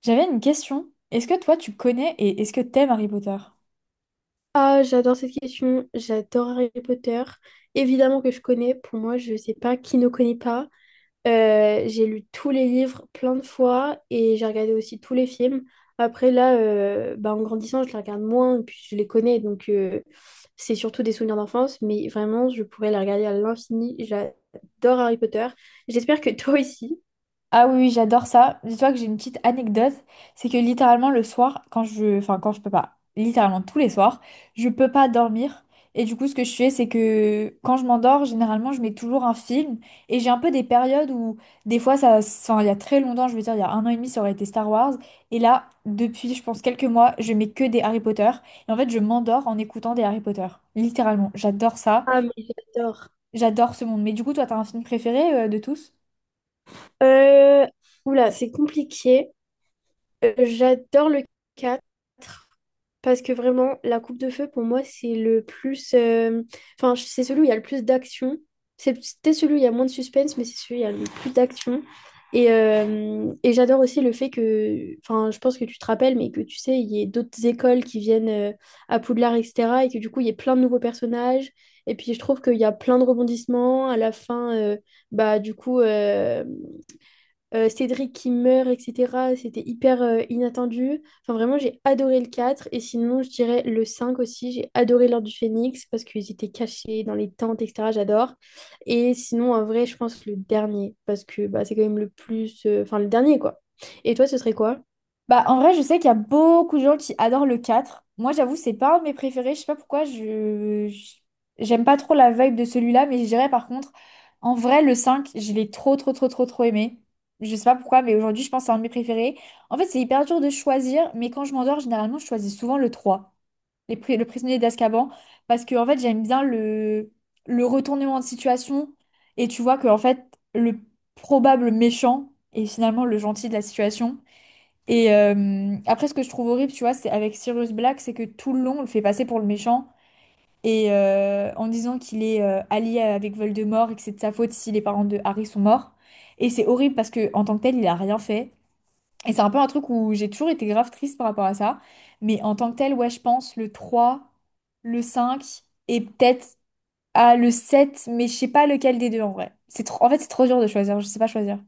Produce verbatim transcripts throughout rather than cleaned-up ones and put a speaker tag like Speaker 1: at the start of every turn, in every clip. Speaker 1: J'avais une question. Est-ce que toi tu connais et est-ce que t'aimes Harry Potter?
Speaker 2: Ah, j'adore cette question. J'adore Harry Potter. Évidemment que je connais. Pour moi, je sais pas qui ne connaît pas. Euh, j'ai lu tous les livres plein de fois et j'ai regardé aussi tous les films. Après, là, euh, bah, en grandissant, je les regarde moins et puis je les connais. Donc, euh, c'est surtout des souvenirs d'enfance. Mais vraiment, je pourrais les regarder à l'infini. J'adore Harry Potter. J'espère que toi aussi.
Speaker 1: Ah oui, oui, j'adore ça. Dis-toi que j'ai une petite anecdote, c'est que littéralement le soir, quand je, enfin quand je peux pas, littéralement tous les soirs, je peux pas dormir. Et du coup, ce que je fais, c'est que quand je m'endors, généralement, je mets toujours un film. Et j'ai un peu des périodes où, des fois, ça, enfin, il y a très longtemps, je veux dire, il y a un an et demi, ça aurait été Star Wars. Et là, depuis, je pense, quelques mois, je mets que des Harry Potter. Et en fait, je m'endors en écoutant des Harry Potter. Littéralement, j'adore ça.
Speaker 2: Ah, mais j'adore.
Speaker 1: J'adore ce monde. Mais du coup, toi, t'as un film préféré euh, de tous?
Speaker 2: Euh, oula, c'est compliqué. Euh, j'adore le quatre. Parce que vraiment, la coupe de feu, pour moi, c'est le plus. euh, Enfin, c'est celui où il y a le plus d'action. C'est C'était celui où il y a moins de suspense, mais c'est celui où il y a le plus d'action. Et, euh, et j'adore aussi le fait que. Enfin, je pense que tu te rappelles, mais que tu sais, il y ait d'autres écoles qui viennent euh, à Poudlard, et cetera. Et que du coup, il y ait plein de nouveaux personnages. Et puis, je trouve qu'il y a plein de rebondissements. À la fin, euh, bah, du coup. euh, euh, Cédric qui meurt, et cetera. C'était hyper euh, inattendu. Enfin, vraiment, j'ai adoré le quatre. Et sinon, je dirais le cinq aussi. J'ai adoré l'Ordre du Phénix parce qu'ils étaient cachés dans les tentes, et cetera. J'adore. Et sinon, en vrai, je pense le dernier parce que bah, c'est quand même le plus. euh, Enfin, le dernier, quoi. Et toi, ce serait quoi?
Speaker 1: Bah, en vrai, je sais qu'il y a beaucoup de gens qui adorent le quatre. Moi, j'avoue, c'est pas un de mes préférés. Je sais pas pourquoi, je... je- J'aime pas trop la vibe de celui-là, mais je dirais par contre, en vrai, le cinq, je l'ai trop, trop, trop, trop, trop aimé. Je sais pas pourquoi, mais aujourd'hui, je pense que c'est un de mes préférés. En fait, c'est hyper dur de choisir, mais quand je m'endors, généralement, je choisis souvent le trois. Les pri- le prisonnier d'Azkaban, parce que en fait j'aime bien le le retournement de situation, et tu vois que en fait le probable méchant est finalement le gentil de la situation. Et euh, après, ce que je trouve horrible, tu vois, c'est avec Sirius Black, c'est que tout le long on le fait passer pour le méchant et euh, en disant qu'il est euh, allié avec Voldemort et que c'est de sa faute si les parents de Harry sont morts. Et c'est horrible parce que en tant que tel il a rien fait, et c'est un peu un truc où j'ai toujours été grave triste par rapport à ça. Mais en tant que tel, ouais, je pense le trois, le cinq, et peut-être à le sept, mais je sais pas lequel des deux en vrai. C'est trop... En fait, c'est trop dur de choisir, je sais pas choisir.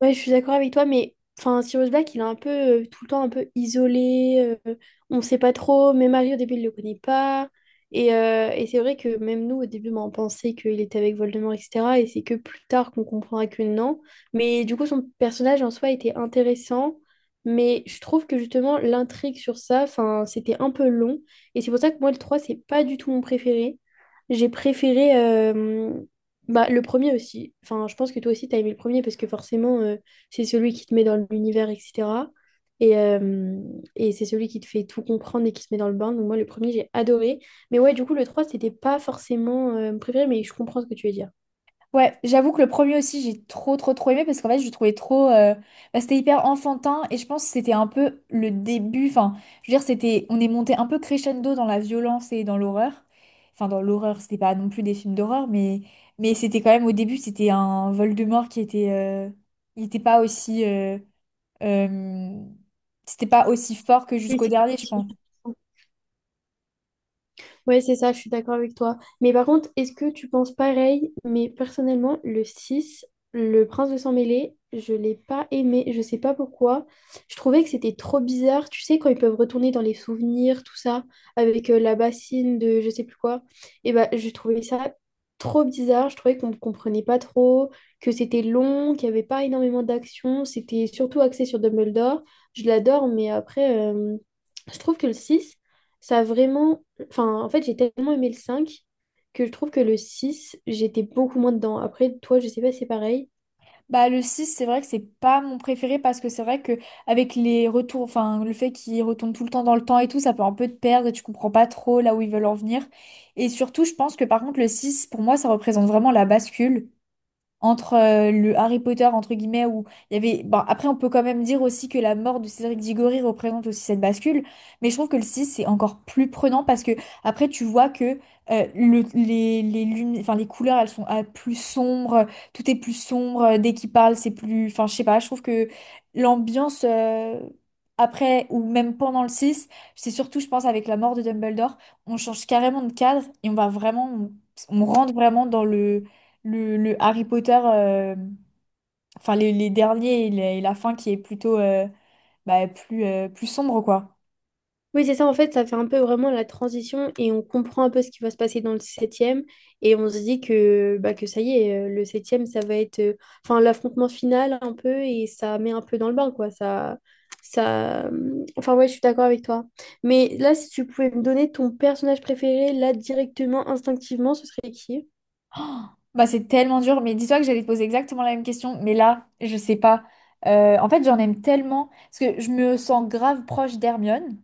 Speaker 2: Ouais, je suis d'accord avec toi, mais enfin, Sirius Black, il est un peu euh, tout le temps un peu isolé. euh, On ne sait pas trop. Même Harry, au début, il ne le connaît pas. Et, euh, et c'est vrai que même nous, au début, ben, on pensait qu'il était avec Voldemort, et cetera. Et c'est que plus tard qu'on comprendra que non. Mais du coup, son personnage en soi était intéressant. Mais je trouve que justement, l'intrigue sur ça, enfin, c'était un peu long. Et c'est pour ça que moi, le trois c'est pas du tout mon préféré. J'ai préféré. euh, Bah, le premier aussi. Enfin, je pense que toi aussi, t'as aimé le premier parce que forcément, euh, c'est celui qui te met dans l'univers, et cetera. Et, euh, et c'est celui qui te fait tout comprendre et qui te met dans le bain. Donc moi, le premier, j'ai adoré. Mais ouais, du coup, le trois, c'était pas forcément euh, mon préféré, mais je comprends ce que tu veux dire.
Speaker 1: Ouais, j'avoue que le premier aussi, j'ai trop, trop, trop aimé parce qu'en fait, je le trouvais trop. Euh, bah, c'était hyper enfantin et je pense que c'était un peu le début. Enfin, je veux dire, c'était, on est monté un peu crescendo dans la violence et dans l'horreur. Enfin, dans l'horreur, c'était pas non plus des films d'horreur, mais, mais c'était quand même au début, c'était un Voldemort qui était. euh, Il était pas aussi. euh, euh, C'était pas aussi fort que
Speaker 2: Oui,
Speaker 1: jusqu'au
Speaker 2: c'est
Speaker 1: dernier, je
Speaker 2: possible.
Speaker 1: pense.
Speaker 2: Ouais, c'est ça, je suis d'accord avec toi. Mais par contre, est-ce que tu penses pareil? Mais personnellement, le six le prince de Sang-Mêlé, je l'ai pas aimé, je sais pas pourquoi. Je trouvais que c'était trop bizarre. Tu sais, quand ils peuvent retourner dans les souvenirs, tout ça, avec euh, la bassine de je sais plus quoi. Et bah, je trouvais ça trop bizarre. Je trouvais qu'on ne comprenait pas trop, que c'était long, qu'il y avait pas énormément d'action. C'était surtout axé sur Dumbledore. Je l'adore, mais après, euh, je trouve que le six ça a vraiment Enfin, en fait, j'ai tellement aimé le cinq que je trouve que le six j'étais beaucoup moins dedans. Après, toi, je sais pas si c'est pareil.
Speaker 1: Bah, le six, c'est vrai que c'est pas mon préféré, parce que c'est vrai que avec les retours, enfin, le fait qu'ils retournent tout le temps dans le temps et tout, ça peut un peu te perdre et tu comprends pas trop là où ils veulent en venir. Et surtout, je pense que par contre, le six, pour moi, ça représente vraiment la bascule entre euh, le Harry Potter entre guillemets où il y avait, bon, après on peut quand même dire aussi que la mort de Cédric Diggory représente aussi cette bascule, mais je trouve que le six c'est encore plus prenant, parce que après tu vois que euh, le- les, les lumi- enfin les couleurs, elles sont, ah, plus sombres, tout est plus sombre. Euh, dès qu'il parle, c'est plus, enfin je sais pas, je trouve que l'ambiance, euh, après ou même pendant le six, c'est surtout, je pense, avec la mort de Dumbledore, on change carrément de cadre, et on va vraiment, on on rentre vraiment dans le le, le Harry Potter, euh, enfin les, les derniers, et la, et la fin qui est plutôt, euh, bah, plus, euh, plus sombre, quoi.
Speaker 2: Oui, c'est ça, en fait, ça fait un peu vraiment la transition et on comprend un peu ce qui va se passer dans le septième et on se dit que, bah, que ça y est, euh, le septième ça va être euh, enfin, l'affrontement final un peu et ça met un peu dans le bain, quoi. Ça, ça... hum, Enfin, ouais, je suis d'accord avec toi. Mais là, si tu pouvais me donner ton personnage préféré, là, directement, instinctivement, ce serait qui?
Speaker 1: Bah, c'est tellement dur, mais dis-toi que j'allais te poser exactement la même question, mais là, je sais pas. Euh, en fait, j'en aime tellement, parce que je me sens grave proche d'Hermione.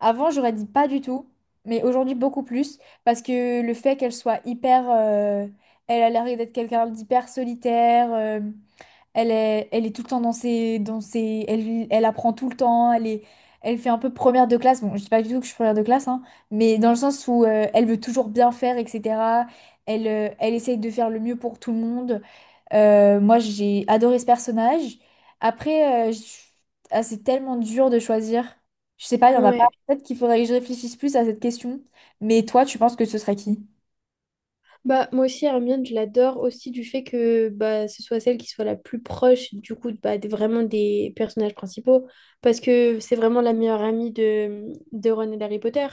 Speaker 1: Avant, j'aurais dit pas du tout, mais aujourd'hui, beaucoup plus, parce que le fait qu'elle soit hyper... euh, Elle a l'air d'être quelqu'un d'hyper solitaire. euh, Elle est, elle est tout le temps dans ses, dans ses, elle, elle apprend tout le temps. Elle est, elle fait un peu première de classe. Bon, je dis pas du tout que je suis première de classe, hein, mais dans le sens où euh, elle veut toujours bien faire, et cetera. Elle, euh, elle essaye de faire le mieux pour tout le monde. Euh, moi, j'ai adoré ce personnage. Après, euh, je- ah, c'est tellement dur de choisir. Je sais pas, il y en a pas.
Speaker 2: Ouais.
Speaker 1: Peut-être qu'il faudrait que je réfléchisse plus à cette question. Mais toi, tu penses que ce serait qui?
Speaker 2: Bah, moi aussi, Hermione, je l'adore aussi du fait que bah, ce soit celle qui soit la plus proche du coup bah, des- vraiment des personnages principaux parce que c'est vraiment la meilleure amie de, de Ron et d'Harry Potter.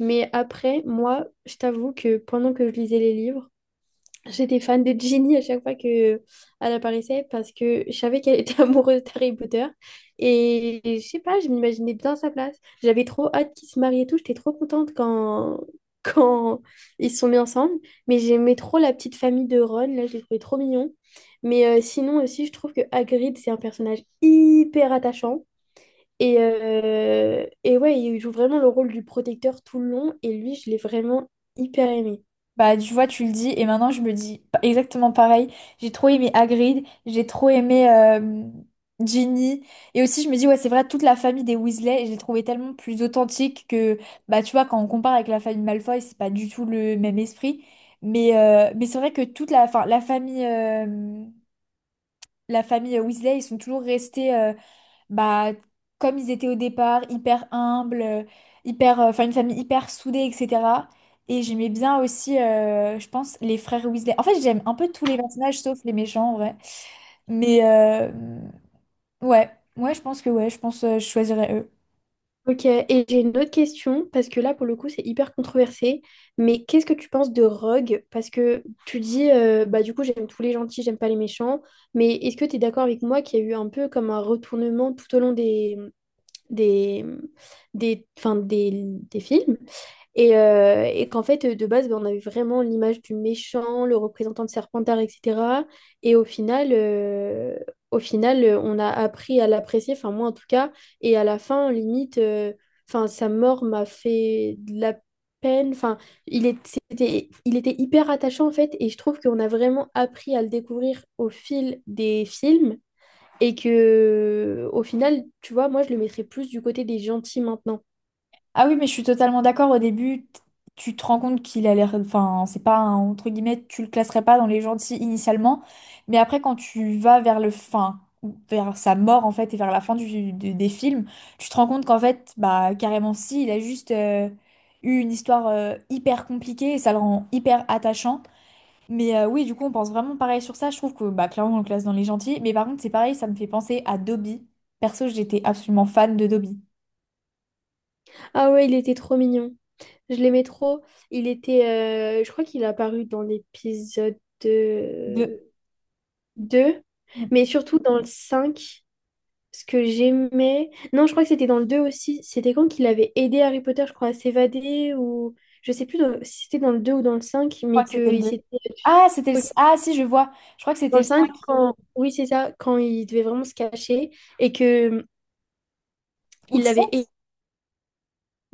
Speaker 2: Mais après, moi, je t'avoue que pendant que je lisais les livres, j'étais fan de Ginny à chaque fois que elle apparaissait parce que je savais qu'elle était amoureuse d'Harry Potter. Et je sais pas, je m'imaginais bien à sa place. J'avais trop hâte qu'ils se marient et tout. J'étais trop contente quand... quand ils se sont mis ensemble. Mais j'aimais trop la petite famille de Ron. Là, je les trouvais trop mignon. Mais euh, sinon aussi, je trouve que Hagrid, c'est un personnage hyper attachant. Et, euh, et ouais, il joue vraiment le rôle du protecteur tout le long. Et lui, je l'ai vraiment hyper aimé.
Speaker 1: Bah, tu vois, tu le dis, et maintenant je me dis pa- exactement pareil. J'ai trop aimé Hagrid, j'ai trop aimé, euh, Ginny, et aussi je me dis, ouais, c'est vrai, toute la famille des Weasley, je l'ai trouvé tellement plus authentique que, bah, tu vois, quand on compare avec la famille Malfoy, c'est pas du tout le même esprit. Mais, euh, mais c'est vrai que toute la, enfin, la famille, euh, la famille Weasley, ils sont toujours restés, bah, comme ils étaient au départ, hyper humbles, euh, hyper, euh, enfin une famille hyper soudée, et cetera. Et j'aimais bien aussi, euh, je pense, les frères Weasley. En fait, j'aime un peu tous les personnages sauf les méchants, en vrai. Mais euh, ouais, ouais, je pense que ouais, je pense, euh, je choisirais eux.
Speaker 2: Ok, et j'ai une autre question, parce que là, pour le coup, c'est hyper controversé, mais qu'est-ce que tu penses de Rogue? Parce que tu dis, euh, bah du coup, j'aime tous les gentils, j'aime pas les méchants, mais est-ce que tu es d'accord avec moi qu'il y a eu un peu comme un retournement tout au long des, des, des, enfin, des, des films? Et, euh, et qu'en fait, de base, ben, on avait vraiment l'image du méchant, le représentant de Serpentard, et cetera. Et au final, euh, au final, euh, on a appris à l'apprécier, enfin moi en tout cas. Et à la fin, limite, euh, enfin sa mort m'a fait de la peine. Enfin, il est- c'était, il était hyper attachant en fait. Et je trouve qu'on a vraiment appris à le découvrir au fil des films. Et que, au final, tu vois, moi, je le mettrais plus du côté des gentils maintenant.
Speaker 1: Ah oui, mais je suis totalement d'accord. Au début, t- tu te rends compte qu'il a l'air. Enfin, c'est pas un- entre guillemets, tu le classerais pas dans les gentils initialement. Mais après, quand tu vas vers le fin, ou vers sa mort en fait, et vers la fin du, du- des films, tu te rends compte qu'en fait, bah carrément si, il a juste, euh, eu une histoire, euh, hyper compliquée, et ça le rend hyper attachant. Mais euh, oui, du coup, on pense vraiment pareil sur ça. Je trouve que, bah, clairement, on le classe dans les gentils. Mais par contre, c'est pareil, ça me fait penser à Dobby. Perso, j'étais absolument fan de Dobby.
Speaker 2: Ah ouais, il était trop mignon. Je l'aimais trop. Il était, euh, je crois qu'il est apparu dans l'épisode
Speaker 1: De...
Speaker 2: euh, deux mais surtout dans le cinq. Ce que j'aimais. Non, je crois que c'était dans le deux aussi. C'était quand qu'il avait aidé Harry Potter, je crois, à s'évader ou. Je sais plus dans- Si c'était dans le deux ou dans le cinq
Speaker 1: crois
Speaker 2: mais
Speaker 1: que c'était le
Speaker 2: qu'il
Speaker 1: deux.
Speaker 2: s'était.
Speaker 1: Ah, c'était le...
Speaker 2: Oui,
Speaker 1: Ah, si, je vois. Je crois que
Speaker 2: dans
Speaker 1: c'était
Speaker 2: le
Speaker 1: le cinq
Speaker 2: cinq quand. Oui, c'est ça, quand il devait vraiment se cacher et que
Speaker 1: ou le
Speaker 2: il avait
Speaker 1: sept,
Speaker 2: aidé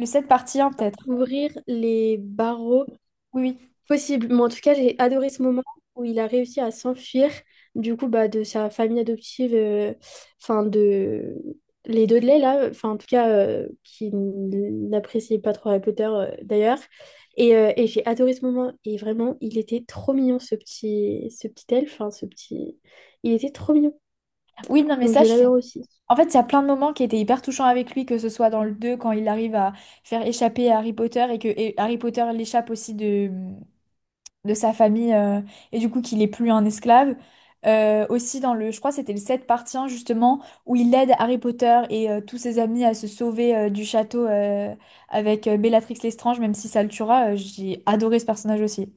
Speaker 1: le sept partie un, peut-être.
Speaker 2: à ouvrir les barreaux.
Speaker 1: Oui, oui.
Speaker 2: Possible, mais en tout cas, j'ai adoré ce moment où il a réussi à s'enfuir du coup bah, de sa famille adoptive, euh, enfin de les Dudley là, enfin en tout cas euh, qui n'appréciait pas trop Harry Potter euh, d'ailleurs. Et, euh, et j'ai adoré ce moment et vraiment il était trop mignon ce petit ce petit elfe, enfin ce petit, il était trop mignon
Speaker 1: Oui, non, mais
Speaker 2: donc
Speaker 1: ça,
Speaker 2: je
Speaker 1: je suis...
Speaker 2: l'adore aussi.
Speaker 1: En fait, il y a plein de moments qui étaient hyper touchants avec lui, que ce soit dans le deux quand il arrive à faire échapper Harry Potter, et que et Harry Potter l'échappe aussi de, de sa famille, euh, et du coup qu'il est plus un esclave. Euh, aussi dans le... Je crois que c'était le sept partie un, justement, où il aide Harry Potter et euh, tous ses amis à se sauver, euh, du château, euh, avec, euh, Bellatrix Lestrange, même si ça le tuera. Euh, j'ai adoré ce personnage aussi.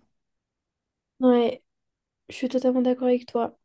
Speaker 2: Ouais, je suis totalement d'accord avec toi.